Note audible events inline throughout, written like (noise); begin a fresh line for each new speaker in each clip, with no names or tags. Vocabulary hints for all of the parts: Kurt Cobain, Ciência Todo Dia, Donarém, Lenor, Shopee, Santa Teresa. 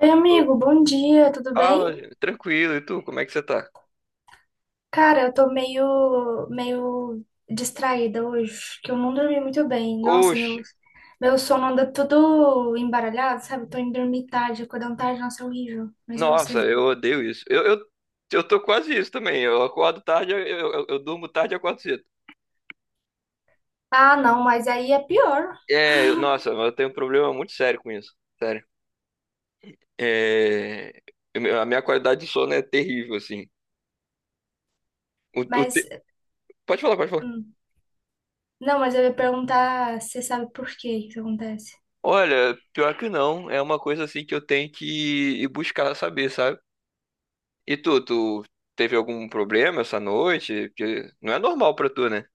Oi, amigo, bom dia, tudo
Fala,
bem?
gente. Tranquilo. E tu, como é que você tá?
Cara, eu tô meio distraída hoje, que eu não dormi muito bem. Nossa,
Oxe,
meu sono anda tudo embaralhado, sabe? Tô indo dormir tarde, acordando tarde, nossa, é horrível. Mas e
nossa,
você?
eu odeio isso. Eu tô quase isso também. Eu acordo tarde, eu durmo tarde e acordo cedo.
Ah, não, mas aí é pior.
Nossa, mas eu tenho um problema muito sério com isso. Sério. É, a minha qualidade de sono é terrível, assim. O, o te-
Mas,
Pode falar, pode falar.
hum. Não, mas eu ia perguntar, se você sabe por que isso acontece?
Olha, pior que não. É uma coisa assim que eu tenho que ir buscar saber, sabe? E tu teve algum problema essa noite? Porque não é normal pra tu, né?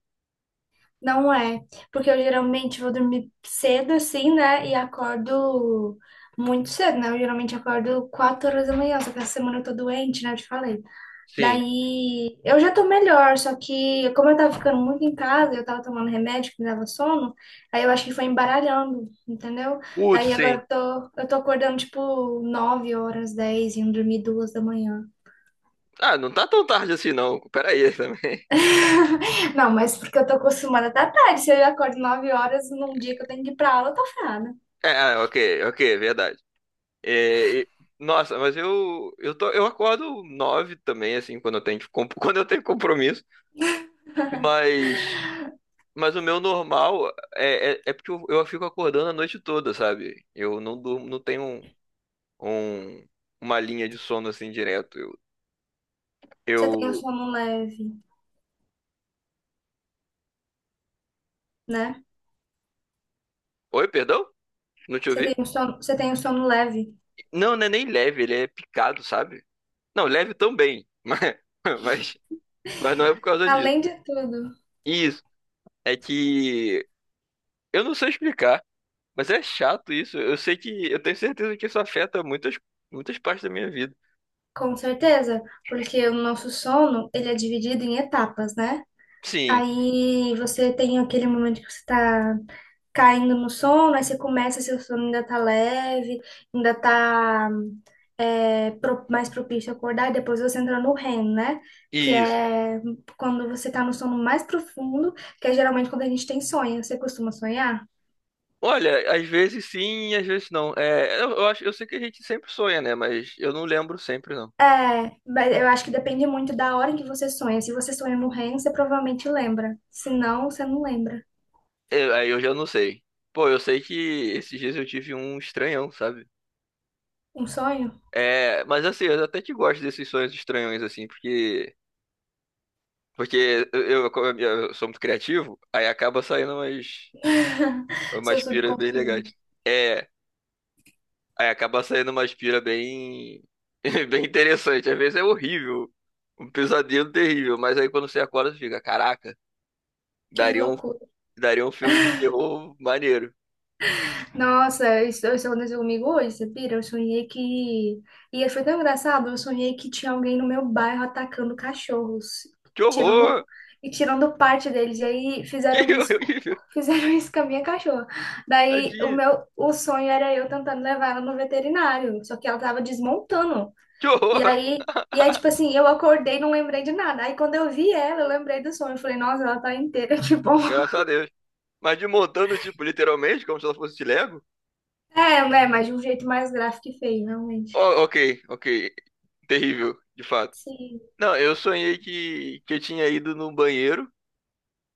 Não é, porque eu geralmente vou dormir cedo assim, né? E acordo muito cedo, né? Eu geralmente acordo 4 horas da manhã, só que essa semana eu tô doente, né? Eu te falei.
Sim.
Daí eu já tô melhor, só que como eu tava ficando muito em casa, eu tava tomando remédio que me dava sono, aí eu acho que foi embaralhando, entendeu?
Putz,
Daí
sim.
agora eu tô acordando tipo 9 horas, 10, indo dormir 2 da manhã.
Ah, não tá tão tarde assim, não. Pera aí também. (laughs)
(laughs) Não, mas porque eu tô acostumada até à tarde. Se eu acordo 9 horas num dia que eu tenho que ir pra aula, eu tô ferrada.
É, ah, ok, ok, é verdade. É, e- Nossa, mas eu acordo nove também, assim, quando eu tenho, (laughs) quando eu tenho compromisso. Mas, mas o meu normal é porque eu fico acordando a noite toda, sabe? Eu não durmo, não tenho um, um- uma linha de sono assim direto.
Você tem um
Eu...
sono leve, né?
Oi, perdão? Não te
Você
ouvi?
tem um sono, você tem um sono leve.
Não, não é nem leve, ele é picado, sabe? Não, leve também, (laughs) mas, mas não é por causa disso.
Além de tudo,
Isso. É que eu não sei explicar, mas é chato isso. Eu sei que eu tenho certeza que isso afeta muitas muitas partes da minha vida.
com certeza, porque o nosso sono, ele é dividido em etapas, né?
Sim,
Aí você tem aquele momento que você tá caindo no sono, aí você começa, seu sono ainda tá leve, ainda tá é, mais propício a acordar, e depois você entra no REM, né? Que
isso.
é quando você tá no sono mais profundo, que é geralmente quando a gente tem sonho. Você costuma sonhar?
Olha, às vezes sim, às vezes não. É, eu acho, eu sei que a gente sempre sonha, né? Mas eu não lembro sempre não.
É, mas eu acho que depende muito da hora em que você sonha. Se você sonha no REM, você provavelmente lembra. Se não, você não lembra.
Aí eu já não sei. Pô, eu sei que esses dias eu tive um estranhão, sabe?
Um sonho?
É, mas assim, eu até que gosto desses sonhos estranhões assim, porque como eu sou muito criativo, aí acaba saindo umas
(laughs) Seu
umas piras bem legais.
subconsciente.
É, aí acaba saindo uma aspira bem, (laughs) bem interessante. Às vezes é horrível, um pesadelo terrível, mas aí quando você acorda, você fica, caraca,
Que
daria um,
loucura.
daria um filme de terror maneiro.
Nossa, eu sonhei comigo hoje, você pira? Eu sonhei que. E foi tão engraçado, eu sonhei que tinha alguém no meu bairro atacando cachorros,
Que
tirando
horror!
e tirando parte deles. E aí
(laughs)
fizeram
Que
isso, (laughs) co-
horrível!
fizeram isso com a minha cachorra. Daí o
Tadinho!
meu o sonho era eu tentando levar ela no veterinário, só que ela tava desmontando.
Que
E
horror!
aí e aí
(laughs)
tipo assim, eu acordei, e não lembrei de nada. Aí quando eu vi ela, eu lembrei do sonho. Eu falei, nossa, ela tá inteira, (laughs) que bom.
Graças a Deus. Mas de montando, tipo, literalmente, como se ela fosse de Lego?
É, né, mas de um jeito mais gráfico e feio, realmente.
Ó, ok, ok. Terrível, de fato.
Sim.
Não, eu sonhei que eu tinha ido no banheiro,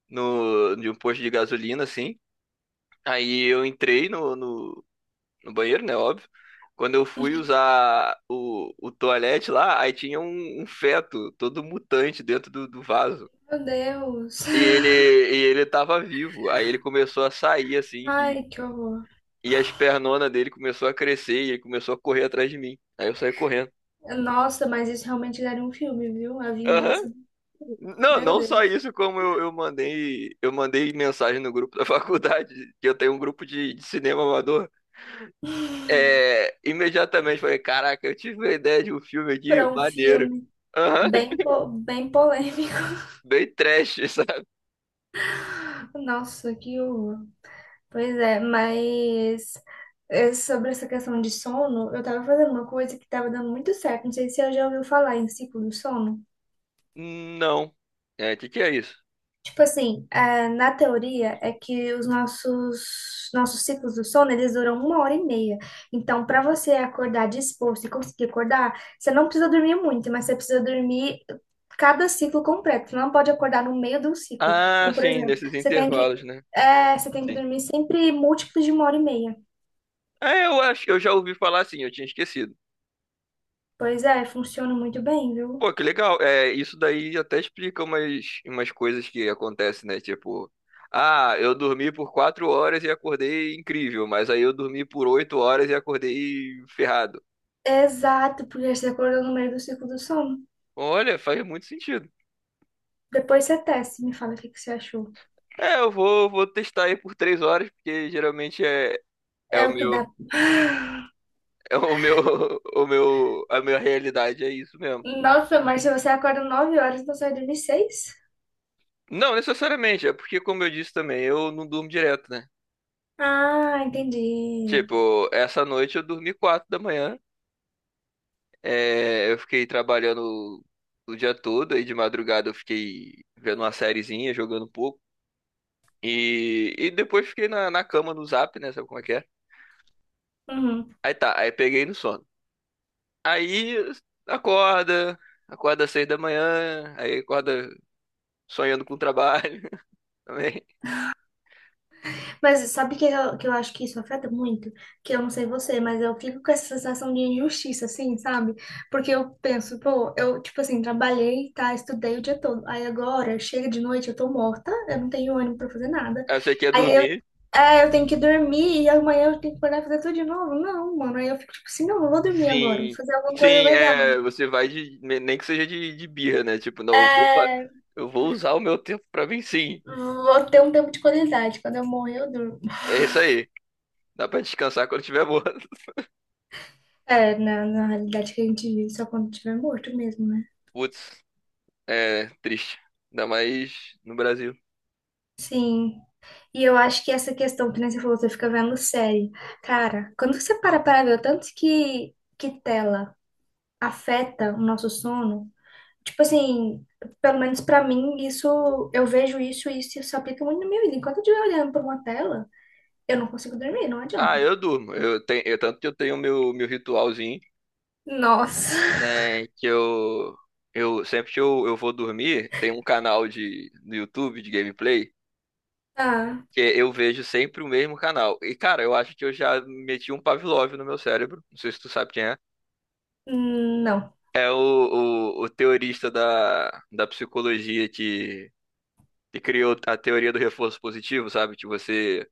no, de um posto de gasolina, assim. Aí eu entrei no banheiro, né? Óbvio. Quando eu fui usar o toalete lá, aí tinha um feto todo mutante dentro do vaso.
Meu Deus.
E ele tava vivo. Aí ele começou a sair assim, e,
Ai, que horror.
e as pernonas dele começou a crescer e ele começou a correr atrás de mim. Aí eu saí correndo.
Nossa, mas isso realmente daria um filme, viu? A
Aham.
vingança. Do-
Não,
Meu
não só
Deus.
isso, como eu mandei mensagem no grupo da (laughs) faculdade, que eu tenho um grupo de cinema amador. É, imediatamente falei, caraca, eu tive uma ideia de um filme aqui,
Pra um
maneiro.
filme
Aham,
bem,
(laughs)
po- bem polêmico.
bem trash, sabe?
(laughs) Nossa, que horror. Pois é, mas é, sobre essa questão de sono, eu tava fazendo uma coisa que tava dando muito certo. Não sei se você já ouviu falar em ciclo do sono.
Não. É, o que que é isso?
Tipo assim, ah, na teoria é que os nossos ciclos do sono, eles duram 1 hora e meia. Então, para você acordar disposto e conseguir acordar, você não precisa dormir muito, mas você precisa dormir cada ciclo completo. Você não pode acordar no meio do ciclo.
Ah,
Então, por
sim,
exemplo,
nesses
você tem que
intervalos, né?
é, você tem que
Sim.
dormir sempre múltiplos de 1 hora e meia.
É, eu acho que eu já ouvi falar assim, eu tinha esquecido.
Pois é, funciona muito bem, viu?
Pô, que legal. É, isso daí até explica umas coisas que acontecem, né? Tipo, ah, eu dormi por 4 horas e acordei incrível, mas aí eu dormi por 8 horas e acordei ferrado.
Exato, porque você acordou no meio do ciclo do sono.
Olha, faz muito sentido.
Depois você testa, e me fala o que que você achou.
É, eu vou testar aí por 3 horas, porque geralmente é
É
o
o que
meu,
dá. (sighs)
é o meu, (laughs) o meu, a minha realidade, é isso mesmo.
Nossa, mas se você acorda 9 horas, então sai dormir 6?
Não, necessariamente, é porque, como eu disse também, eu não durmo direto, né?
Ah, entendi.
Tipo, essa noite eu dormi 4 da manhã, é, eu fiquei trabalhando o dia todo, aí de madrugada eu fiquei vendo uma sériezinha, jogando um pouco, e depois fiquei na cama no zap, né? Sabe como é que é?
Uhum.
Aí tá, aí peguei no sono. Aí acorda, acorda às 6 da manhã, aí acorda sonhando com o trabalho (laughs) também.
Mas sabe que eu acho que isso afeta muito? Que eu não sei você, mas eu fico com essa sensação de injustiça, assim, sabe? Porque eu penso, pô, eu, tipo assim, trabalhei, tá, estudei o dia todo. Aí agora, chega de noite, eu tô morta, eu não tenho ânimo pra fazer nada.
Aí você quer
Aí eu,
dormir.
é, eu tenho que dormir e amanhã eu tenho que acordar e fazer tudo de novo. Não, mano, aí eu fico tipo assim, não, eu vou dormir agora, vou
Sim,
fazer alguma coisa
sim,
legal.
é, você vai nem que seja de birra, né? Tipo, não,
É.
eu vou usar o meu tempo pra mim, sim.
Vou ter um tempo de qualidade. Quando eu morrer, eu durmo.
É isso aí. Dá pra descansar quando tiver morto.
É, na, na realidade que a gente vive só quando tiver morto mesmo, né?
(laughs) Putz, é triste. Ainda mais no Brasil.
Sim. E eu acho que essa questão que nem você falou, você fica vendo série. Cara, quando você para para ver o tanto que tela afeta o nosso sono, tipo assim, pelo menos pra mim, isso, eu vejo isso e isso se aplica muito na minha vida. Enquanto eu estiver olhando pra uma tela, eu não consigo dormir, não
Ah,
adianta.
eu durmo. Tanto que eu tenho meu ritualzinho.
Nossa. (laughs)
Né, que eu, eu sempre que eu vou dormir, tem um canal no YouTube de gameplay
Ah,
que é eu vejo sempre o mesmo canal. E, cara, eu acho que eu já meti um Pavlov no meu cérebro. Não sei se tu sabe quem é.
não.
É o teorista da psicologia que criou a teoria do reforço positivo, sabe? Que você.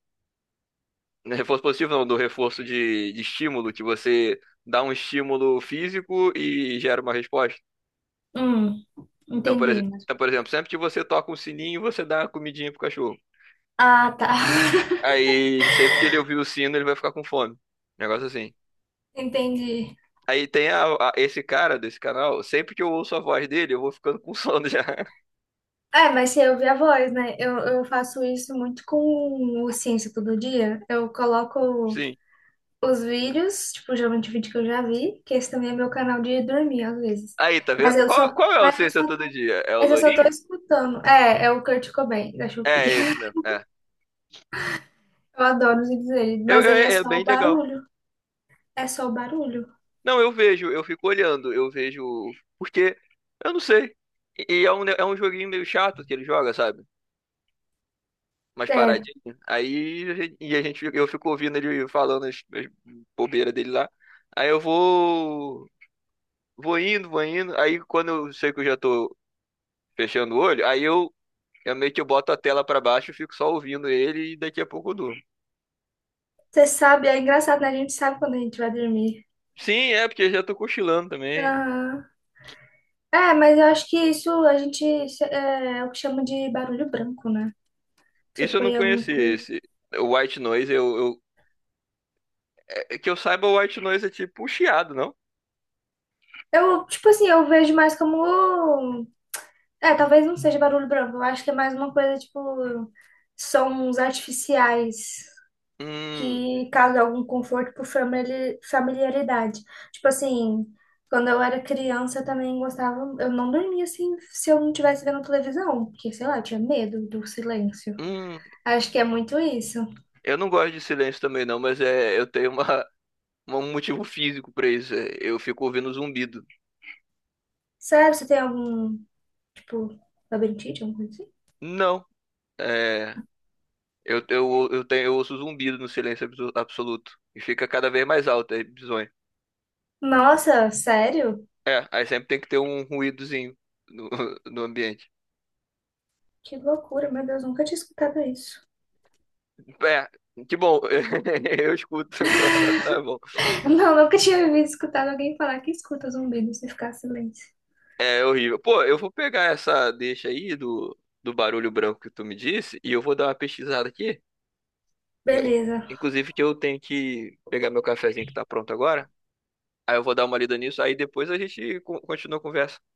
Não é reforço positivo não, do reforço de estímulo, que você dá um estímulo físico e gera uma resposta.
Hum, entendi.
Então, por exemplo, sempre que você toca um sininho, você dá uma comidinha pro cachorro.
Ah, tá. (laughs)
Aí, sempre que ele ouvir o sino, ele vai ficar com fome. Negócio assim.
Entendi.
Aí esse cara desse canal, sempre que eu ouço a voz dele, eu vou ficando com sono já. (laughs)
É, mas você ouve a voz, né? Eu faço isso muito com o Ciência Todo Dia. Eu coloco
Sim.
os vídeos, tipo, geralmente vídeo que eu já vi, que esse também é meu canal de dormir, às vezes.
Aí, tá vendo?
Mas eu
Qual,
só,
qual é o
mas eu só,
Ciência Todo Dia? É o
mas eu só tô
Lourinho?
escutando. É, é o Kurt Cobain, da
É
Shopee.
é esse
(laughs)
mesmo. É.
Eu adoro os vídeos dele, mas aí é
É
só
bem
o
legal.
barulho. É só o barulho.
Não, eu vejo, eu fico olhando, eu vejo. Porque, eu não sei. E é um joguinho meio chato que ele joga, sabe? Mais
É,
paradinho. Aí e a gente, eu fico ouvindo ele falando as bobeiras dele lá. Aí eu vou indo, vou indo. Aí quando eu sei que eu já tô fechando o olho, aí eu meio que eu boto a tela pra baixo, e fico só ouvindo ele e daqui a pouco eu durmo.
você sabe, é engraçado, né? A gente sabe quando a gente vai dormir.
Sim, é porque eu já tô cochilando também.
Aham. É, mas eu acho que isso a gente é, é o que chama de barulho branco, né? Você
Isso eu não
põe alguma
conheci,
coisa.
esse o White Noise. É que eu saiba, o White Noise é tipo um chiado, não?
Eu, tipo assim, eu vejo mais como. É, talvez não seja barulho branco. Eu acho que é mais uma coisa, tipo, sons artificiais
Hum.
que causam algum conforto por familiaridade. Tipo assim, quando eu era criança, eu também gostava. Eu não dormia assim se eu não estivesse vendo televisão, porque, sei lá, eu tinha medo do silêncio.
Hum.
Acho que é muito isso.
Eu não gosto de silêncio também não, mas é, eu tenho uma um motivo físico pra isso. É, eu fico ouvindo zumbido.
Sério, você tem algum Tipo, labirintite, alguma coisa assim?
Não, é, eu ouço zumbido no silêncio absoluto. E fica cada vez mais alto, é bizonho.
Nossa, sério?
É, aí sempre tem que ter um ruídozinho no, (laughs) no ambiente.
Que loucura, meu Deus, nunca tinha escutado isso.
É, que bom, (laughs) eu escuto, não é bom.
(laughs) Não, nunca tinha ouvido escutado alguém falar que escuta zumbidos e ficar em silêncio.
É horrível. Pô, eu vou pegar essa deixa aí do barulho branco que tu me disse e eu vou dar uma pesquisada aqui.
Beleza.
Inclusive que eu tenho que pegar meu cafezinho que tá pronto agora. Aí eu vou dar uma lida nisso, aí depois a gente con-